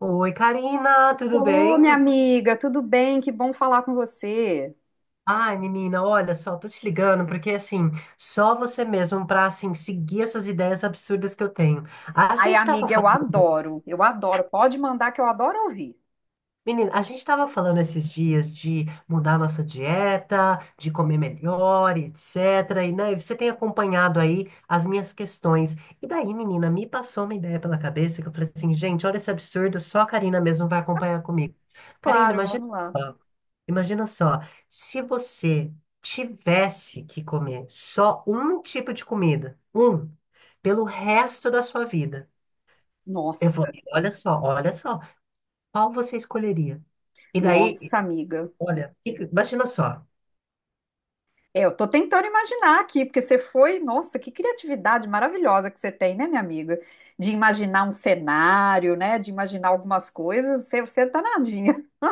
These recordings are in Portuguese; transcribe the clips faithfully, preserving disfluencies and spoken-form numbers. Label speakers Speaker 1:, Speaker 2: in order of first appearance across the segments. Speaker 1: Oi, Karina, tudo
Speaker 2: Ô,
Speaker 1: bem?
Speaker 2: minha amiga, tudo bem? Que bom falar com você.
Speaker 1: Ai, menina, olha só, tô te ligando porque assim, só você mesmo pra assim seguir essas ideias absurdas que eu tenho. A
Speaker 2: Ai,
Speaker 1: gente tava
Speaker 2: amiga, eu
Speaker 1: falando,
Speaker 2: adoro, eu adoro. Pode mandar que eu adoro ouvir.
Speaker 1: Menina, a gente tava falando esses dias de mudar nossa dieta, de comer melhor, etcétera. E né, você tem acompanhado aí as minhas questões. E daí, menina, me passou uma ideia pela cabeça que eu falei assim, gente, olha esse absurdo, só a Karina mesmo vai acompanhar comigo. Karina,
Speaker 2: Claro,
Speaker 1: imagina.
Speaker 2: vamos lá.
Speaker 1: Imagina só, se você tivesse que comer só um tipo de comida, um, pelo resto da sua vida, eu vou,
Speaker 2: Nossa,
Speaker 1: olha só, olha só, qual você escolheria? E daí,
Speaker 2: nossa, amiga.
Speaker 1: olha, fica- imagina só.
Speaker 2: É, eu tô tentando imaginar aqui, porque você foi, nossa, que criatividade maravilhosa que você tem, né, minha amiga? De imaginar um cenário, né? De imaginar algumas coisas. Você, você é danadinha.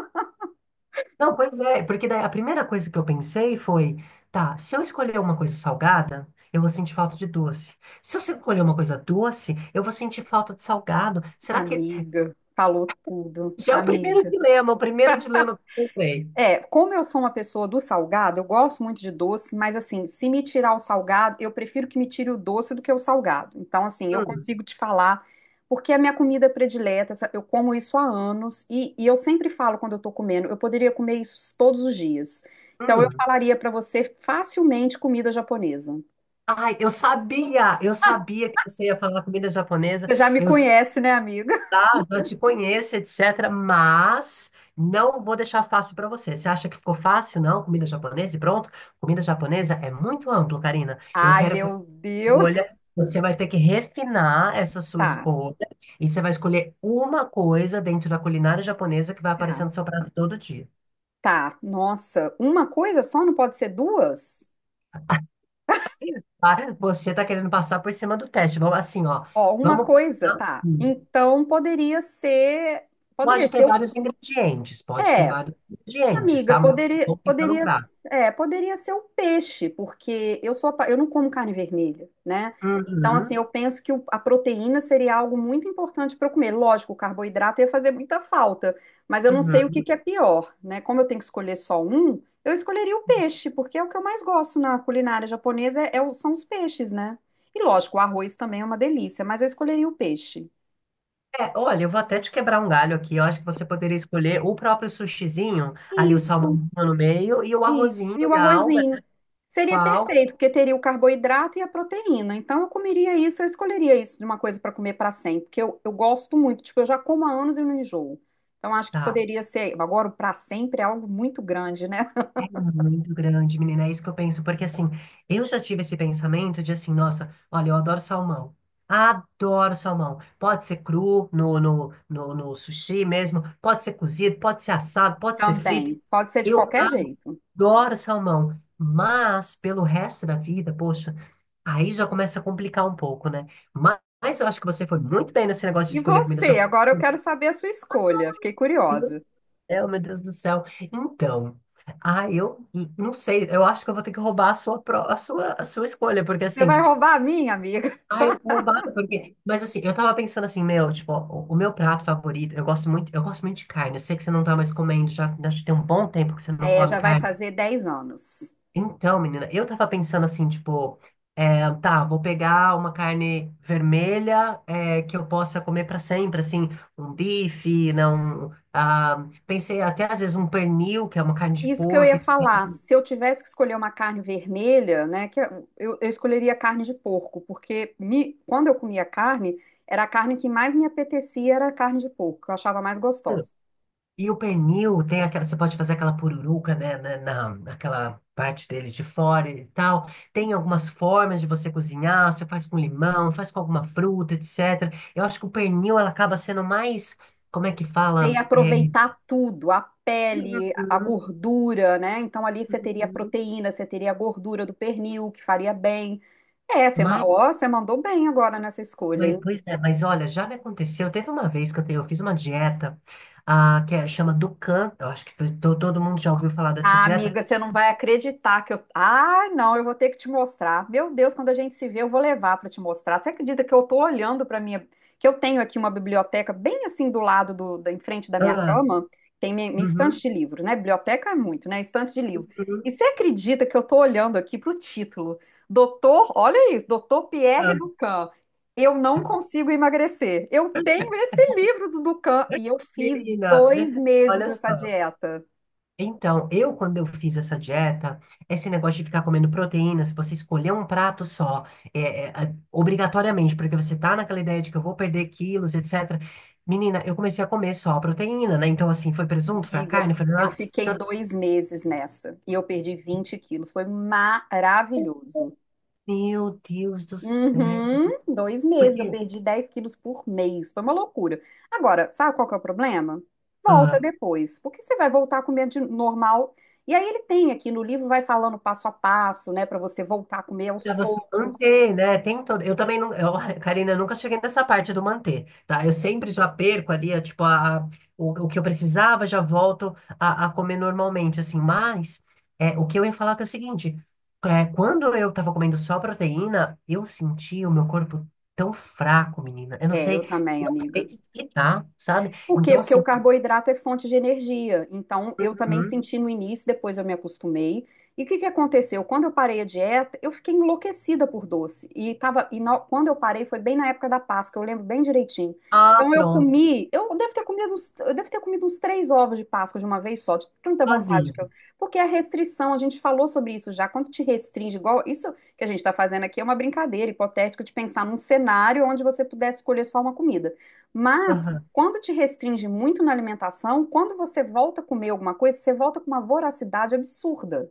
Speaker 1: Não, pois é, porque daí a primeira coisa que eu pensei foi, tá, se eu escolher uma coisa salgada, eu vou sentir falta de doce. Se eu escolher uma coisa doce, eu vou sentir falta de salgado. Será que
Speaker 2: Amiga, falou tudo.
Speaker 1: já é o primeiro
Speaker 2: Amiga.
Speaker 1: dilema, o primeiro dilema que eu pensei.
Speaker 2: É, como eu sou uma pessoa do salgado, eu gosto muito de doce, mas assim, se me tirar o salgado, eu prefiro que me tire o doce do que o salgado. Então, assim, eu
Speaker 1: Hum,
Speaker 2: consigo te falar, porque é a minha comida predileta, essa- eu como isso há anos, e, e eu sempre falo quando eu tô comendo, eu poderia comer isso todos os dias. Então, eu
Speaker 1: hum.
Speaker 2: falaria pra você facilmente comida japonesa.
Speaker 1: Ai, eu sabia, eu sabia que você ia falar comida japonesa.
Speaker 2: Você já me
Speaker 1: Eu
Speaker 2: conhece, né, amiga?
Speaker 1: já te conheço, etcétera. Mas não vou deixar fácil para você. Você acha que ficou fácil? Não, comida japonesa e pronto. Comida japonesa é muito amplo, Karina. Eu
Speaker 2: Ai,
Speaker 1: quero que você
Speaker 2: meu Deus.
Speaker 1: escolha. Você vai ter que refinar essa sua
Speaker 2: Tá,
Speaker 1: escolha e você vai escolher uma coisa dentro da culinária japonesa que vai
Speaker 2: tá,
Speaker 1: aparecer no seu prato todo dia.
Speaker 2: tá. Nossa, uma coisa só não pode ser duas?
Speaker 1: Para, Você tá querendo passar por cima do teste. Vamos assim, ó.
Speaker 2: Ó, uma
Speaker 1: Vamos
Speaker 2: coisa,
Speaker 1: pensar.
Speaker 2: tá? Então poderia ser, poderia
Speaker 1: Pode ter
Speaker 2: ser o,
Speaker 1: vários ingredientes, pode ter
Speaker 2: é,
Speaker 1: vários ingredientes,
Speaker 2: amiga,
Speaker 1: tá? Mas assim,
Speaker 2: poderia,
Speaker 1: vou ficar no
Speaker 2: poderia,
Speaker 1: prato.
Speaker 2: é, poderia ser o peixe, porque eu sou, apa- eu não como carne vermelha, né? Então assim,
Speaker 1: Uhum,
Speaker 2: eu penso que o- a proteína seria algo muito importante para eu comer. Lógico, o carboidrato ia fazer muita falta, mas eu não sei o que
Speaker 1: uhum.
Speaker 2: que é pior, né? Como eu tenho que escolher só um, eu escolheria o peixe, porque é o que eu mais gosto na culinária japonesa, é, é o- são os peixes, né? E lógico, o arroz também é uma delícia, mas eu escolheria o peixe.
Speaker 1: É, olha, eu vou até te quebrar um galho aqui. Eu acho que você poderia escolher o próprio sushizinho, ali o
Speaker 2: Isso,
Speaker 1: salmãozinho no meio, e o
Speaker 2: isso.
Speaker 1: arrozinho
Speaker 2: E o
Speaker 1: e a alga,
Speaker 2: arrozinho.
Speaker 1: com
Speaker 2: Seria
Speaker 1: a alga.
Speaker 2: perfeito, porque teria o carboidrato e a proteína. Então, eu comeria isso, eu escolheria isso de uma coisa para comer para sempre, porque eu, eu gosto muito. Tipo, eu já como há anos e não enjoo. Então, acho que
Speaker 1: Tá,
Speaker 2: poderia ser. Agora, o para sempre é algo muito grande, né?
Speaker 1: é muito grande, menina. É isso que eu penso, porque assim, eu já tive esse pensamento de assim, nossa, olha, eu adoro salmão. Adoro salmão. Pode ser cru no, no, no, no sushi mesmo, pode ser cozido, pode ser assado, pode ser frito.
Speaker 2: Também. Pode ser de
Speaker 1: Eu
Speaker 2: qualquer jeito.
Speaker 1: Adoro salmão, mas pelo resto da vida, poxa, aí já começa a complicar um pouco, né? Ma- Mas, eu acho que você foi muito bem nesse negócio de
Speaker 2: E
Speaker 1: escolher comida
Speaker 2: você?
Speaker 1: japonesa.
Speaker 2: Agora eu quero saber a sua escolha. Fiquei
Speaker 1: Meu Deus do
Speaker 2: curiosa.
Speaker 1: céu, meu Deus do céu. Então, ah, eu não sei, eu acho que eu vou ter que roubar a sua, pro- a sua, a sua escolha, porque
Speaker 2: Você
Speaker 1: assim,
Speaker 2: vai roubar a minha, amiga?
Speaker 1: ah, eu vou roubar, porque. Mas assim, eu tava pensando assim, meu, tipo, o, o meu prato favorito, eu gosto muito, eu gosto muito de carne. Eu sei que você não tá mais comendo, já, já tem um bom tempo que você não
Speaker 2: É,
Speaker 1: come
Speaker 2: já vai
Speaker 1: carne.
Speaker 2: fazer dez anos.
Speaker 1: Então, menina, eu tava pensando assim, tipo, é, tá, vou pegar uma carne vermelha é, que eu possa comer pra sempre, assim, um bife, não, ah, pensei até às vezes um pernil, que é uma carne de
Speaker 2: Isso que eu
Speaker 1: porco,
Speaker 2: ia falar, se eu tivesse que escolher uma carne vermelha, né, que eu, eu escolheria carne de porco, porque me- quando eu comia carne, era a carne que mais me apetecia era a carne de porco, que eu achava mais gostosa.
Speaker 1: e o pernil tem aquela, você pode fazer aquela pururuca, né, na, na- naquela parte dele de fora e tal, tem algumas formas de você cozinhar, você faz com limão, faz com alguma fruta, etcétera. Eu acho que o pernil, ela acaba sendo mais, como é que
Speaker 2: Você
Speaker 1: fala?
Speaker 2: ia
Speaker 1: Eh,
Speaker 2: aproveitar tudo, a pele, a
Speaker 1: uhum,
Speaker 2: gordura, né? Então ali você teria a
Speaker 1: uhum.
Speaker 2: proteína, você teria a gordura do pernil, que faria bem. É, você, ma-
Speaker 1: Mas,
Speaker 2: ó, você mandou bem agora nessa escolha,
Speaker 1: mas-
Speaker 2: hein?
Speaker 1: pois é, mas olha, já me aconteceu. Teve uma vez que eu, te- eu fiz uma dieta ah, que é, chama Dukan. Eu acho que to- todo mundo já ouviu falar dessa
Speaker 2: Ah,
Speaker 1: dieta.
Speaker 2: amiga, você não vai acreditar que eu. Ah, não, eu vou ter que te mostrar. Meu Deus, quando a gente se vê, eu vou levar para te mostrar. Você acredita que eu tô olhando para minha. Que eu tenho aqui uma biblioteca bem assim do lado do, da, em frente da minha
Speaker 1: Ah,
Speaker 2: cama, tem minha, minha estante
Speaker 1: uhum,
Speaker 2: de livro, né? Biblioteca é muito, né? Estante de livro. E
Speaker 1: uhum.
Speaker 2: você acredita que eu tô olhando aqui pro título? Doutor, olha isso, Doutor Pierre
Speaker 1: Ah,
Speaker 2: Ducan. Eu não consigo emagrecer. Eu tenho esse livro do Ducan e eu fiz
Speaker 1: menina,
Speaker 2: dois meses
Speaker 1: olha
Speaker 2: essa
Speaker 1: só.
Speaker 2: dieta.
Speaker 1: Então, eu, quando eu fiz essa dieta, esse negócio de ficar comendo proteína, se você escolher um prato só, é, é, a- obrigatoriamente, porque você tá naquela ideia de que eu vou perder quilos, etcétera. Menina, eu comecei a comer só a proteína, né? Então, assim, foi presunto, foi a
Speaker 2: Amiga,
Speaker 1: carne, foi
Speaker 2: eu
Speaker 1: lá.
Speaker 2: fiquei
Speaker 1: só-
Speaker 2: dois meses nessa e eu perdi vinte quilos. Foi maravilhoso.
Speaker 1: Meu Deus do céu.
Speaker 2: Uhum, dois meses, eu
Speaker 1: Porque.
Speaker 2: perdi dez quilos por mês. Foi uma loucura. Agora, sabe qual que é o problema? Volta depois, porque você vai voltar comendo de normal. E aí ele tem aqui no livro, vai falando passo a passo, né, para você voltar a comer aos
Speaker 1: Pra você
Speaker 2: poucos.
Speaker 1: manter, né? Tem um todo... Eu também não. Eu, Karina, eu nunca cheguei nessa parte do manter, tá? Eu sempre já perco ali, é, tipo, a, a- o, o que eu precisava, já volto a, a comer normalmente, assim. Mas é, o que eu ia falar que é o seguinte: é, quando eu tava comendo só proteína, eu senti o meu corpo tão fraco, menina. Eu não
Speaker 2: É, eu
Speaker 1: sei,
Speaker 2: também,
Speaker 1: não sei
Speaker 2: amiga.
Speaker 1: te explicar, sabe?
Speaker 2: Por quê?
Speaker 1: Então,
Speaker 2: Porque o
Speaker 1: assim,
Speaker 2: carboidrato é fonte de energia. Então, eu também
Speaker 1: uhum.
Speaker 2: senti no início, depois eu me acostumei. E o que que aconteceu? Quando eu parei a dieta, eu fiquei enlouquecida por doce. E, tava, e na- quando eu parei, foi bem na época da Páscoa, eu lembro bem direitinho.
Speaker 1: Ah,
Speaker 2: Então, eu
Speaker 1: pronto,
Speaker 2: comi, eu devo ter comido uns, eu devo ter comido uns três ovos de Páscoa de uma vez só, de tanta vontade
Speaker 1: sozinho.
Speaker 2: que eu. Porque a restrição, a gente falou sobre isso já, quando te restringe, igual isso que a gente está fazendo aqui é uma brincadeira hipotética de pensar num cenário onde você pudesse escolher só uma comida. Mas, quando te restringe muito na alimentação, quando você volta a comer alguma coisa, você volta com uma voracidade absurda.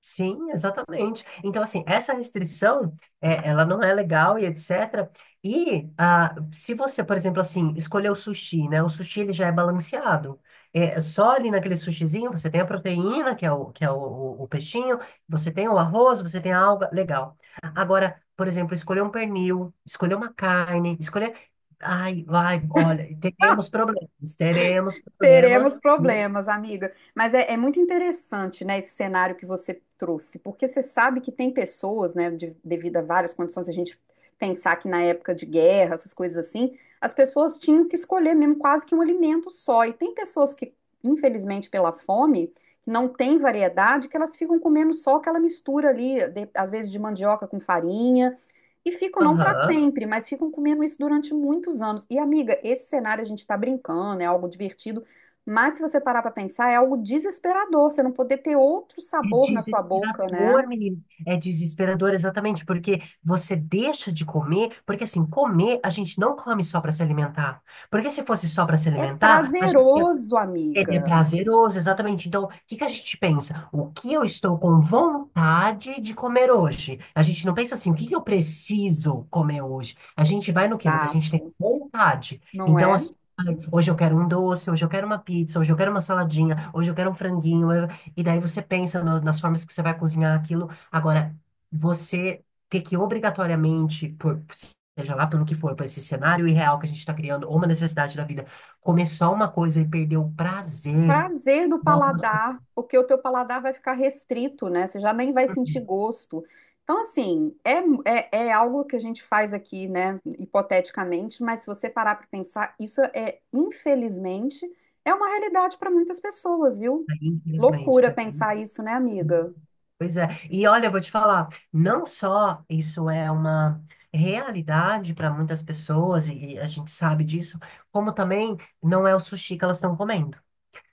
Speaker 1: Sim, exatamente. Então, assim, essa restrição, é, ela não é legal e etcétera. E ah, se você, por exemplo, assim, escolher o sushi, né? O sushi, ele já é balanceado. É, é só ali naquele sushizinho, você tem a proteína, que é o, que é o, o- o peixinho, você tem o arroz, você tem a alga, legal. Agora, por exemplo, escolher um pernil, escolher uma carne, escolher... Ai, vai, olha, teremos problemas, teremos problemas.
Speaker 2: Teremos problemas, amiga. Mas é, é muito interessante, né, esse cenário que você trouxe, porque você sabe que tem pessoas, né, de- devido a várias condições, a gente pensar que na época de guerra, essas coisas assim, as pessoas tinham que escolher mesmo quase que um alimento só. E tem pessoas que, infelizmente, pela fome, não tem variedade, que elas ficam comendo só aquela mistura ali, de- às vezes de mandioca com farinha. E ficam não para
Speaker 1: Aham.
Speaker 2: sempre, mas ficam comendo isso durante muitos anos. E, amiga, esse cenário a gente está brincando, é algo divertido, mas se você parar para pensar, é algo desesperador você não poder ter outro
Speaker 1: É
Speaker 2: sabor na sua boca, né?
Speaker 1: desesperador, menino. É desesperador, exatamente, porque você deixa de comer, porque assim, comer a gente não come só para se alimentar. Porque se fosse só para se
Speaker 2: É
Speaker 1: alimentar, a gente ia
Speaker 2: prazeroso,
Speaker 1: ele é
Speaker 2: amiga.
Speaker 1: prazeroso, exatamente. Então, o que que a gente pensa? O que eu estou com vontade de comer hoje? A gente não pensa assim, o que que eu preciso comer hoje? A gente vai no quê? No que a gente tem
Speaker 2: Exato,
Speaker 1: vontade.
Speaker 2: não
Speaker 1: Então,
Speaker 2: é?
Speaker 1: assim, ai, hoje eu quero um doce, hoje eu quero uma pizza, hoje eu quero uma saladinha, hoje eu quero um franguinho. eu- E daí você pensa no- nas formas que você vai cozinhar aquilo. Agora, você ter que obrigatoriamente, por, seja lá pelo que for, para esse cenário irreal que a gente está criando, ou uma necessidade da vida começar uma coisa e perder o prazer.
Speaker 2: Prazer do
Speaker 1: Nossa,
Speaker 2: paladar, porque o teu paladar vai ficar restrito, né? Você já nem vai sentir gosto. Então, assim, é, é, é algo que a gente faz aqui, né, hipoteticamente, mas se você parar para pensar, isso é, infelizmente, é uma realidade para muitas pessoas, viu?
Speaker 1: aí, infelizmente,
Speaker 2: Loucura
Speaker 1: tá aqui, né?
Speaker 2: pensar isso, né, amiga?
Speaker 1: Pois é. E olha, eu vou te falar, não só isso é uma realidade para muitas pessoas, e a gente sabe disso, como também não é o sushi que elas estão comendo.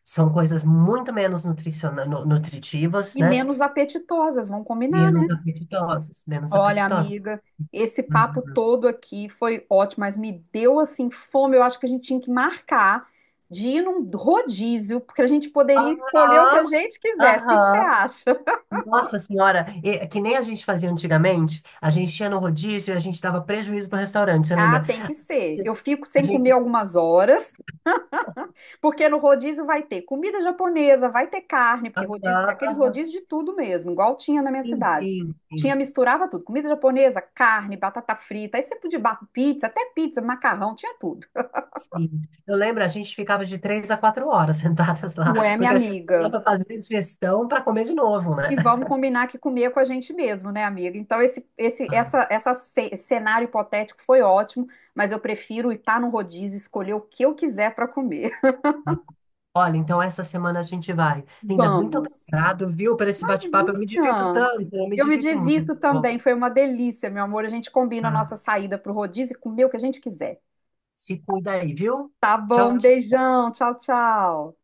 Speaker 1: São coisas muito menos nutriciona- nu- nutritivas,
Speaker 2: E
Speaker 1: né?
Speaker 2: menos apetitosas, vamos combinar, né?
Speaker 1: Menos apetitosas, menos
Speaker 2: Olha,
Speaker 1: apetitosas.
Speaker 2: amiga, esse papo
Speaker 1: Uhum.
Speaker 2: todo aqui foi ótimo, mas me deu assim fome. Eu acho que a gente tinha que marcar de ir num rodízio, porque a gente poderia escolher o que
Speaker 1: Aham,
Speaker 2: a gente quisesse. O que que você
Speaker 1: aham.
Speaker 2: acha?
Speaker 1: Nossa senhora, e- que nem a gente fazia antigamente, a gente ia no rodízio e a gente dava prejuízo para o restaurante, você
Speaker 2: Ah,
Speaker 1: lembra?
Speaker 2: tem que ser. Eu fico
Speaker 1: A
Speaker 2: sem comer
Speaker 1: gente.
Speaker 2: algumas horas. Porque no rodízio vai ter comida japonesa, vai ter carne, porque
Speaker 1: Ah,
Speaker 2: rodízio,
Speaker 1: ah,
Speaker 2: aqueles
Speaker 1: ah,
Speaker 2: rodízios de tudo mesmo, igual tinha na minha
Speaker 1: sim,
Speaker 2: cidade.
Speaker 1: sim,
Speaker 2: Tinha,
Speaker 1: sim,
Speaker 2: misturava tudo, comida japonesa, carne, batata frita, aí você podia bater pizza, até pizza, macarrão, tinha tudo.
Speaker 1: sim. Eu lembro, a gente ficava de três a quatro horas sentadas lá,
Speaker 2: Ué, minha
Speaker 1: porque a gente
Speaker 2: amiga,
Speaker 1: precisava fazer digestão para comer de novo, né?
Speaker 2: e vamos combinar que comer com a gente mesmo, né, amiga? Então esse esse
Speaker 1: Ai,
Speaker 2: essa essa ce- cenário hipotético foi ótimo, mas eu prefiro estar no rodízio, escolher o que eu quiser para comer.
Speaker 1: Olha, então essa semana a gente vai. Linda, muito
Speaker 2: Vamos.
Speaker 1: obrigado, viu, por esse bate-papo. Eu me divirto
Speaker 2: Imagina!
Speaker 1: tanto, eu me
Speaker 2: Eu me
Speaker 1: divirto muito.
Speaker 2: divirto
Speaker 1: Bom,
Speaker 2: também, foi uma delícia, meu amor. A gente combina a
Speaker 1: tá.
Speaker 2: nossa saída pro rodízio e comer o que a gente quiser.
Speaker 1: Se cuida aí, viu?
Speaker 2: Tá
Speaker 1: Tchau,
Speaker 2: bom,
Speaker 1: tchau.
Speaker 2: beijão, tchau, tchau.